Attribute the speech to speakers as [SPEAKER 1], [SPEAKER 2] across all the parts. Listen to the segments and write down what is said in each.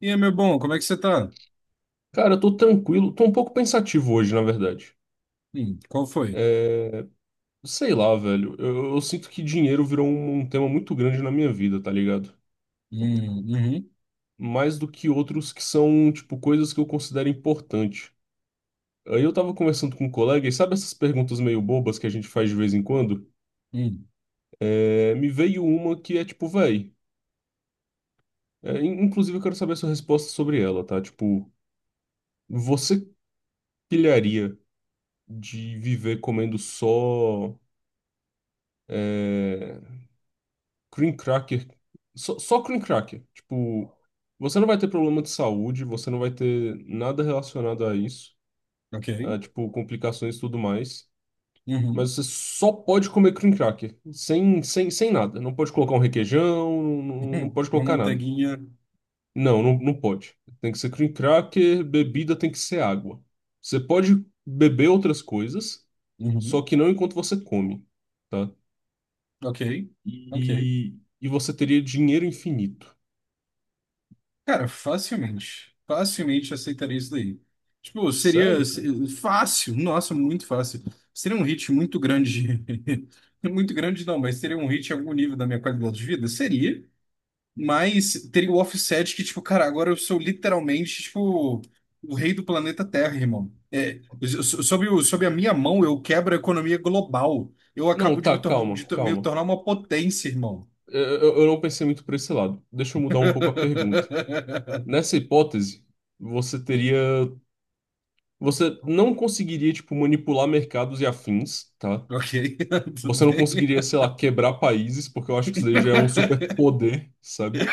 [SPEAKER 1] E aí, meu bom, como é que você tá?
[SPEAKER 2] Cara, eu tô tranquilo, tô um pouco pensativo hoje, na verdade.
[SPEAKER 1] Qual foi?
[SPEAKER 2] É, sei lá, velho, eu sinto que dinheiro virou um tema muito grande na minha vida, tá ligado?
[SPEAKER 1] Uhum,
[SPEAKER 2] Mais do que outros que são, tipo, coisas que eu considero importante. Aí eu tava conversando com um colega e sabe essas perguntas meio bobas que a gente faz de vez em quando?
[SPEAKER 1] hum,
[SPEAKER 2] Me veio uma que é tipo, véi, inclusive eu quero saber a sua resposta sobre ela, tá? Tipo, você pilharia de viver comendo só. é, Cream cracker. Só cream cracker. Tipo, você não vai ter problema de saúde, você não vai ter nada relacionado a isso, a,
[SPEAKER 1] ok.
[SPEAKER 2] tipo, complicações e tudo mais.
[SPEAKER 1] Uhum,
[SPEAKER 2] Mas você só pode comer cream cracker, sem nada. Não pode colocar um requeijão, não
[SPEAKER 1] uhum,
[SPEAKER 2] pode
[SPEAKER 1] uma
[SPEAKER 2] colocar nada.
[SPEAKER 1] manteiguinha.
[SPEAKER 2] Não, não, não pode. Tem que ser cream cracker, bebida tem que ser água. Você pode beber outras coisas, só
[SPEAKER 1] Uhum,
[SPEAKER 2] que não enquanto você come, tá?
[SPEAKER 1] ok, ok.
[SPEAKER 2] E você teria dinheiro infinito.
[SPEAKER 1] Cara, facilmente, facilmente aceitaria isso daí. Tipo, seria
[SPEAKER 2] Sério, cara?
[SPEAKER 1] fácil, nossa, muito fácil. Seria um hit muito grande. Muito grande não, mas seria um hit em algum nível da minha qualidade de vida? Seria. Mas teria o offset que, tipo, cara, agora eu sou literalmente, tipo, o rei do planeta Terra, irmão. É, sob a minha mão, eu quebro a economia global. Eu
[SPEAKER 2] Não,
[SPEAKER 1] acabo de
[SPEAKER 2] tá,
[SPEAKER 1] me, tor- de
[SPEAKER 2] calma,
[SPEAKER 1] to- me
[SPEAKER 2] calma.
[SPEAKER 1] tornar uma potência, irmão.
[SPEAKER 2] Eu não pensei muito por esse lado. Deixa eu mudar um pouco a pergunta. Nessa hipótese, você teria. Você não conseguiria, tipo, manipular mercados e afins, tá?
[SPEAKER 1] Ok, tudo
[SPEAKER 2] Você não
[SPEAKER 1] bem.
[SPEAKER 2] conseguiria, sei lá, quebrar países, porque eu acho que isso daí já é um superpoder, sabe?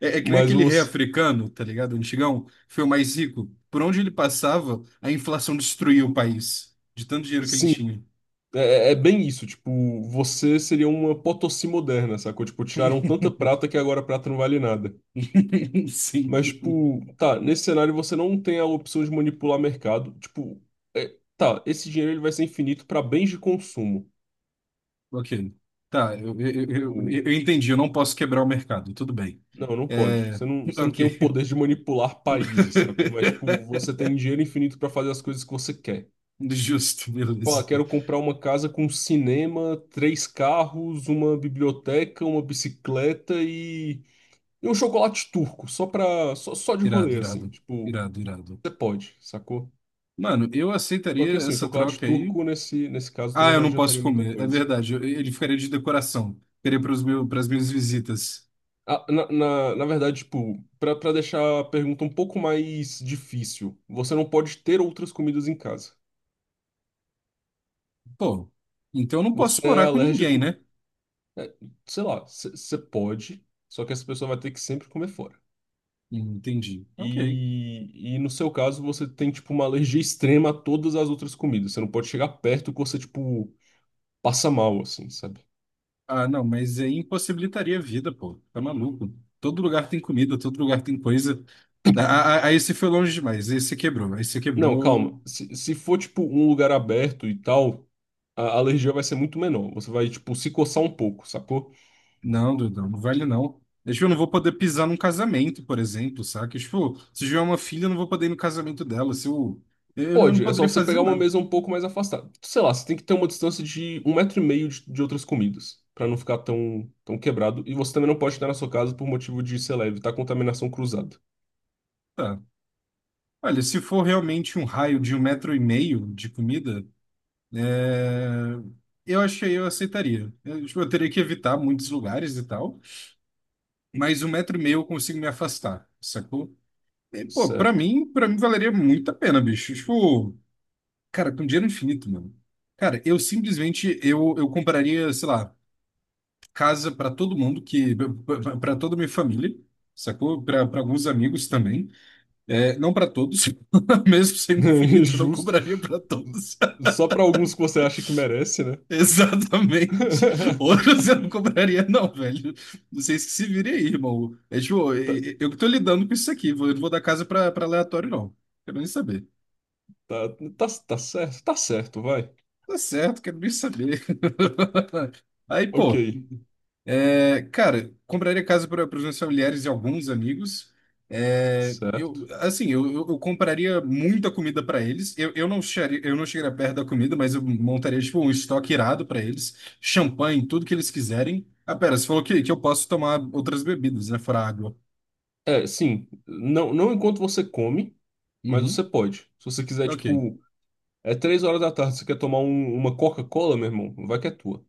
[SPEAKER 1] É que nem
[SPEAKER 2] Mas
[SPEAKER 1] aquele rei
[SPEAKER 2] você.
[SPEAKER 1] africano, tá ligado? Antigão, foi o mais rico. Por onde ele passava, a inflação destruía o país, de tanto dinheiro que ele
[SPEAKER 2] Sim,
[SPEAKER 1] tinha.
[SPEAKER 2] é bem isso. Tipo, você seria uma Potosí moderna, sacou? Tipo, tiraram tanta prata que agora a prata não vale nada. Mas,
[SPEAKER 1] Sim.
[SPEAKER 2] tipo, tá, nesse cenário você não tem a opção de manipular mercado. Tipo, tá, esse dinheiro ele vai ser infinito para bens de consumo.
[SPEAKER 1] Ok. Tá, eu, eu, eu,
[SPEAKER 2] O-
[SPEAKER 1] eu- eu entendi, eu não posso quebrar o mercado, tudo bem.
[SPEAKER 2] Não, não pode.
[SPEAKER 1] É,
[SPEAKER 2] Você não tem o
[SPEAKER 1] ok.
[SPEAKER 2] poder de manipular países, sacou? Mas, tipo, você tem dinheiro infinito para fazer as coisas que você quer.
[SPEAKER 1] Justo,
[SPEAKER 2] Pô, ah,
[SPEAKER 1] beleza.
[SPEAKER 2] quero comprar uma casa com cinema, três carros, uma biblioteca, uma bicicleta e um chocolate turco, só pra, só, só de
[SPEAKER 1] Irado,
[SPEAKER 2] rolê, assim.
[SPEAKER 1] irado,
[SPEAKER 2] Tipo,
[SPEAKER 1] irado, irado.
[SPEAKER 2] você pode, sacou?
[SPEAKER 1] Mano, eu
[SPEAKER 2] Só que
[SPEAKER 1] aceitaria
[SPEAKER 2] assim, o
[SPEAKER 1] essa
[SPEAKER 2] chocolate
[SPEAKER 1] troca aí.
[SPEAKER 2] turco nesse caso
[SPEAKER 1] Ah,
[SPEAKER 2] também
[SPEAKER 1] eu
[SPEAKER 2] não
[SPEAKER 1] não posso
[SPEAKER 2] adiantaria muita
[SPEAKER 1] comer, é
[SPEAKER 2] coisa.
[SPEAKER 1] verdade. Ele ficaria de decoração. Ficaria para as minhas visitas.
[SPEAKER 2] Ah, na verdade, tipo, pra deixar a pergunta um pouco mais difícil, você não pode ter outras comidas em casa.
[SPEAKER 1] Pô, então eu não
[SPEAKER 2] Você
[SPEAKER 1] posso
[SPEAKER 2] é
[SPEAKER 1] morar com ninguém,
[SPEAKER 2] alérgico,
[SPEAKER 1] né?
[SPEAKER 2] é, sei lá, você pode, só que essa pessoa vai ter que sempre comer fora.
[SPEAKER 1] Entendi. Ok.
[SPEAKER 2] E no seu caso, você tem, tipo, uma alergia extrema a todas as outras comidas. Você não pode chegar perto que você, tipo, passa mal, assim, sabe?
[SPEAKER 1] Ah, não, mas aí impossibilitaria a vida, pô. Tá maluco. Todo lugar tem comida, todo lugar tem coisa. Ah, ah, ah, ah, esse foi longe demais. Esse quebrou. Esse
[SPEAKER 2] Não,
[SPEAKER 1] quebrou.
[SPEAKER 2] calma. Se for, tipo, um lugar aberto e tal, a alergia vai ser muito menor. Você vai, tipo, se coçar um pouco, sacou?
[SPEAKER 1] Não, Dudão, não vale não. Tipo, eu não vou poder pisar num casamento, por exemplo, saca? Tipo, se eu tiver uma filha, eu não vou poder ir no casamento dela. Se eu, eu não
[SPEAKER 2] Pode, é só
[SPEAKER 1] poderia
[SPEAKER 2] você
[SPEAKER 1] fazer
[SPEAKER 2] pegar uma
[SPEAKER 1] nada.
[SPEAKER 2] mesa um pouco mais afastada. Sei lá, você tem que ter uma distância de um metro e meio de outras comidas, pra não ficar tão, tão quebrado. E você também não pode estar na sua casa por motivo de, sei lá, evitar contaminação cruzada.
[SPEAKER 1] Tá. Olha, se for realmente um raio de um metro e meio de comida, é, eu aceitaria. Tipo, eu teria que evitar muitos lugares e tal. Mas um metro e meio eu consigo me afastar, sacou? E, pô, pra
[SPEAKER 2] Certo.
[SPEAKER 1] mim, pra mim valeria muito a pena, bicho. Tipo, cara, com dinheiro infinito, mano. Cara, eu compraria, sei lá, casa pra todo mundo, que pra toda a minha família, sacou? Pra alguns amigos também. É, não pra todos, mesmo sendo infinito, eu não
[SPEAKER 2] Justo.
[SPEAKER 1] compraria pra todos.
[SPEAKER 2] Só para alguns que você acha que merece, né?
[SPEAKER 1] Exatamente. Outro você não compraria, não, velho. Não sei se se virem aí, irmão. É tipo, eu que tô lidando com isso aqui. Eu não vou dar casa pra aleatório, não. Quero nem saber.
[SPEAKER 2] Tá, tá, tá, tá certo, vai.
[SPEAKER 1] Tá certo, quero nem saber. Aí,
[SPEAKER 2] Ok,
[SPEAKER 1] pô. É, cara, compraria casa para os meus familiares e alguns amigos. É,
[SPEAKER 2] certo.
[SPEAKER 1] assim, eu compraria muita comida para eles. Eu não chegaria perto da comida, mas eu montaria tipo um estoque irado para eles, champanhe, tudo que eles quiserem. Ah, pera, você falou que eu posso tomar outras bebidas, né? Fora água.
[SPEAKER 2] É, sim, não, não enquanto você come, mas
[SPEAKER 1] Uhum,
[SPEAKER 2] você pode. Se você quiser,
[SPEAKER 1] ok.
[SPEAKER 2] tipo, é três horas da tarde, você quer tomar uma Coca-Cola, meu irmão? Vai que é tua.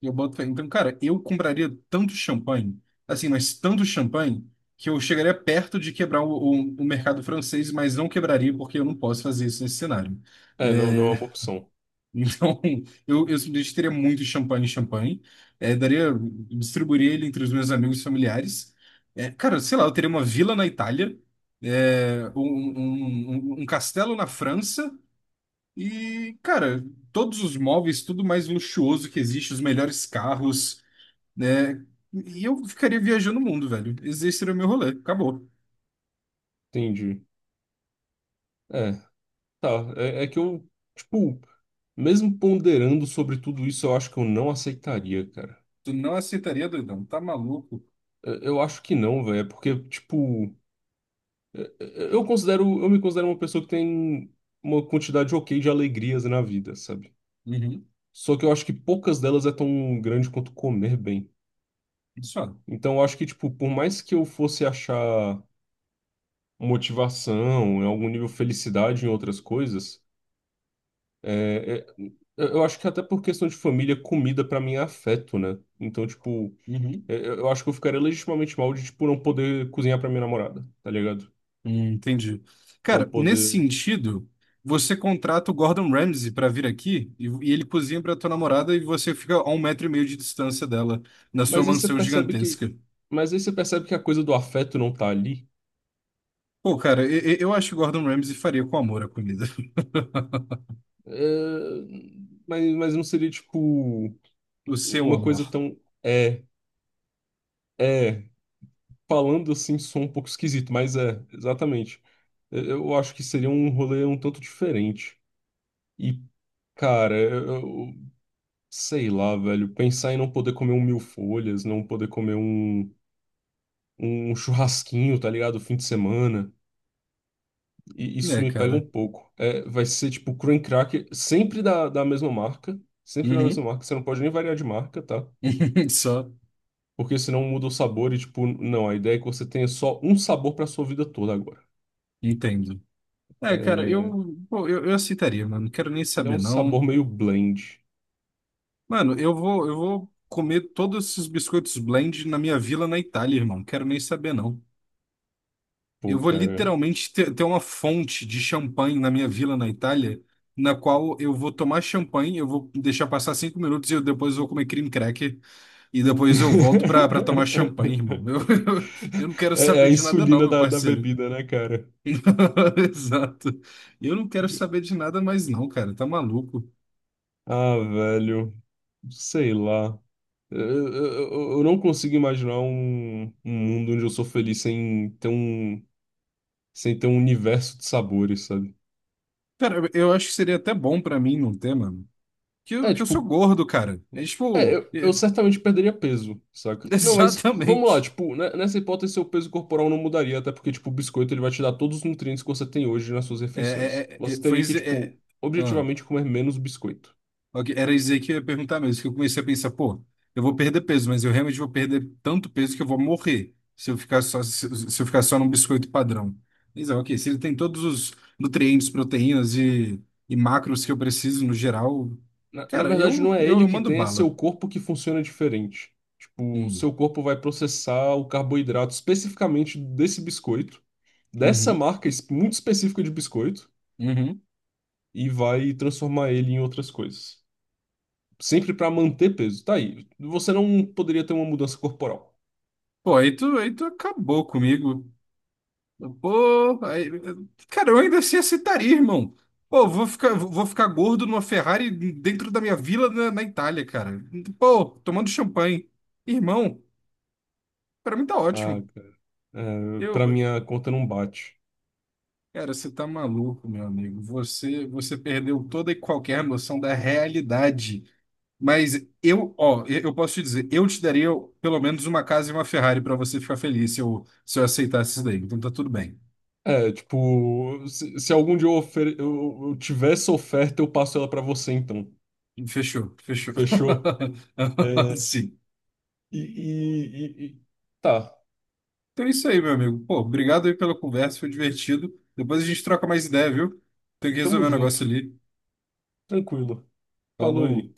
[SPEAKER 1] Eu boto fé. Então, cara, eu compraria tanto champanhe, assim, mas tanto champanhe, que eu chegaria perto de quebrar o mercado francês, mas não quebraria porque eu não posso fazer isso nesse cenário.
[SPEAKER 2] É, não, não é
[SPEAKER 1] É,
[SPEAKER 2] uma opção.
[SPEAKER 1] então, eu simplesmente teria muito champanhe, champanhe, é, daria, distribuiria ele entre os meus amigos e familiares. É, cara, sei lá, eu teria uma vila na Itália, um castelo na França. E, cara, todos os móveis, tudo mais luxuoso que existe, os melhores carros, né? E eu ficaria viajando o mundo, velho. Esse seria o meu rolê. Acabou.
[SPEAKER 2] Entendi. É, tá. É, é que eu, tipo, mesmo ponderando sobre tudo isso, eu acho que eu não aceitaria, cara.
[SPEAKER 1] Tu não aceitaria, doidão. Tá maluco?
[SPEAKER 2] Eu acho que não, velho. É porque, tipo. Eu considero, eu me considero uma pessoa que tem uma quantidade ok de alegrias na vida, sabe?
[SPEAKER 1] Uhum.
[SPEAKER 2] Só que eu acho que poucas delas é tão grande quanto comer bem.
[SPEAKER 1] Isso, ó.
[SPEAKER 2] Então eu acho que, tipo, por mais que eu fosse achar motivação, em algum nível felicidade em outras coisas, é, é- eu acho que até por questão de família, comida pra mim é afeto, né? Então, tipo,
[SPEAKER 1] Uhum.
[SPEAKER 2] eu acho que eu ficaria legitimamente mal de, tipo, não poder cozinhar pra minha namorada, tá ligado?
[SPEAKER 1] Entendi.
[SPEAKER 2] Não
[SPEAKER 1] Cara, nesse
[SPEAKER 2] poder.
[SPEAKER 1] sentido, você contrata o Gordon Ramsay pra vir aqui e ele cozinha pra tua namorada e você fica a um metro e meio de distância dela, na sua
[SPEAKER 2] Mas aí você
[SPEAKER 1] mansão
[SPEAKER 2] percebe que,
[SPEAKER 1] gigantesca.
[SPEAKER 2] mas aí você percebe que a coisa do afeto não tá ali.
[SPEAKER 1] Pô, cara, eu acho que o Gordon Ramsay faria com amor a comida.
[SPEAKER 2] É, mas não seria tipo
[SPEAKER 1] O seu
[SPEAKER 2] uma
[SPEAKER 1] amor.
[SPEAKER 2] coisa tão é é falando assim sou um pouco esquisito, mas é exatamente. Eu acho que seria um rolê um tanto diferente. E cara, eu, eu- sei lá, velho, pensar em não poder comer um mil folhas, não poder comer um churrasquinho, tá ligado? Fim de semana. E isso
[SPEAKER 1] É,
[SPEAKER 2] me pega
[SPEAKER 1] cara.
[SPEAKER 2] um pouco. É, vai ser tipo cream cracker, sempre da mesma marca. Sempre da
[SPEAKER 1] Uhum.
[SPEAKER 2] mesma marca. Você não pode nem variar de marca, tá?
[SPEAKER 1] Só.
[SPEAKER 2] Porque senão muda o sabor e, tipo, não. A ideia é que você tenha só um sabor pra sua vida toda agora.
[SPEAKER 1] Entendo. É, cara,
[SPEAKER 2] É,
[SPEAKER 1] pô, eu aceitaria, mano. Não quero nem
[SPEAKER 2] e é
[SPEAKER 1] saber,
[SPEAKER 2] um sabor
[SPEAKER 1] não.
[SPEAKER 2] meio blend.
[SPEAKER 1] Mano, eu vou comer todos esses biscoitos blend na minha vila na Itália, irmão. Não quero nem saber, não. Eu
[SPEAKER 2] Pô,
[SPEAKER 1] vou
[SPEAKER 2] cara.
[SPEAKER 1] literalmente ter uma fonte de champanhe na minha vila na Itália, na qual eu vou tomar champanhe, eu vou deixar passar 5 minutos e eu depois vou comer cream cracker e depois eu volto pra tomar champanhe, irmão. Eu, eu não quero
[SPEAKER 2] É, é a
[SPEAKER 1] saber de nada, não,
[SPEAKER 2] insulina
[SPEAKER 1] meu
[SPEAKER 2] da
[SPEAKER 1] parceiro.
[SPEAKER 2] bebida, né, cara?
[SPEAKER 1] Exato. Eu não quero saber de nada mais, não, cara. Tá maluco.
[SPEAKER 2] Ah, velho. Sei lá. Eu, eu, eu não consigo imaginar um, um mundo onde eu sou feliz sem ter um. Sem ter um universo de sabores, sabe?
[SPEAKER 1] Cara, eu acho que seria até bom pra mim num tema que eu,
[SPEAKER 2] É,
[SPEAKER 1] que eu sou
[SPEAKER 2] tipo,
[SPEAKER 1] gordo, cara. É
[SPEAKER 2] é,
[SPEAKER 1] tipo,
[SPEAKER 2] eu certamente perderia peso, saca? Não, mas vamos lá,
[SPEAKER 1] Exatamente.
[SPEAKER 2] tipo, né, nessa hipótese seu peso corporal não mudaria, até porque, tipo, o biscoito ele vai te dar todos os nutrientes que você tem hoje nas suas
[SPEAKER 1] É,
[SPEAKER 2] refeições.
[SPEAKER 1] é, é,
[SPEAKER 2] Você
[SPEAKER 1] é, foi.
[SPEAKER 2] teria que, tipo,
[SPEAKER 1] Ah,
[SPEAKER 2] objetivamente comer menos biscoito.
[SPEAKER 1] ok, era dizer que eu ia perguntar mesmo, que eu comecei a pensar, pô, eu vou perder peso, mas eu realmente vou perder tanto peso que eu vou morrer se eu ficar só, se eu ficar só num biscoito padrão. Mas, ah, ok, se ele tem todos os nutrientes, proteínas e macros que eu preciso no geral,
[SPEAKER 2] Na
[SPEAKER 1] cara,
[SPEAKER 2] verdade,
[SPEAKER 1] eu,
[SPEAKER 2] não é
[SPEAKER 1] eu,
[SPEAKER 2] ele
[SPEAKER 1] eu
[SPEAKER 2] que
[SPEAKER 1] mando
[SPEAKER 2] tem, é
[SPEAKER 1] bala.
[SPEAKER 2] seu corpo que funciona diferente. Tipo, o
[SPEAKER 1] Hum,
[SPEAKER 2] seu corpo vai processar o carboidrato especificamente desse biscoito, dessa
[SPEAKER 1] Uhum.
[SPEAKER 2] marca muito específica de biscoito,
[SPEAKER 1] Uhum.
[SPEAKER 2] e vai transformar ele em outras coisas. Sempre para manter peso. Tá aí. Você não poderia ter uma mudança corporal.
[SPEAKER 1] Pô, aí tu acabou comigo. Pô, aí, cara, eu ainda assim aceitaria, irmão. Pô, vou ficar gordo numa Ferrari dentro da minha vila na Itália, cara. Pô, tomando champanhe. Irmão, pra mim tá
[SPEAKER 2] Ah,
[SPEAKER 1] ótimo.
[SPEAKER 2] cara. É,
[SPEAKER 1] Eu,
[SPEAKER 2] para minha conta não bate.
[SPEAKER 1] cara, você tá maluco, meu amigo. Você perdeu toda e qualquer noção da realidade. Mas ó, eu posso te dizer, eu te daria pelo menos uma casa e uma Ferrari pra você ficar feliz se eu aceitasse isso daí. Então tá tudo bem.
[SPEAKER 2] É, tipo, se algum dia eu, eu tiver essa oferta, eu passo ela pra você, então.
[SPEAKER 1] Fechou, fechou.
[SPEAKER 2] Fechou? É,
[SPEAKER 1] Sim.
[SPEAKER 2] e, e, e- e- Tá,
[SPEAKER 1] Então é isso aí, meu amigo. Pô, obrigado aí pela conversa, foi divertido. Depois a gente troca mais ideia, viu? Tem que
[SPEAKER 2] tamo
[SPEAKER 1] resolver um
[SPEAKER 2] junto.
[SPEAKER 1] negócio ali.
[SPEAKER 2] Tranquilo. Falou
[SPEAKER 1] Falou.
[SPEAKER 2] aí.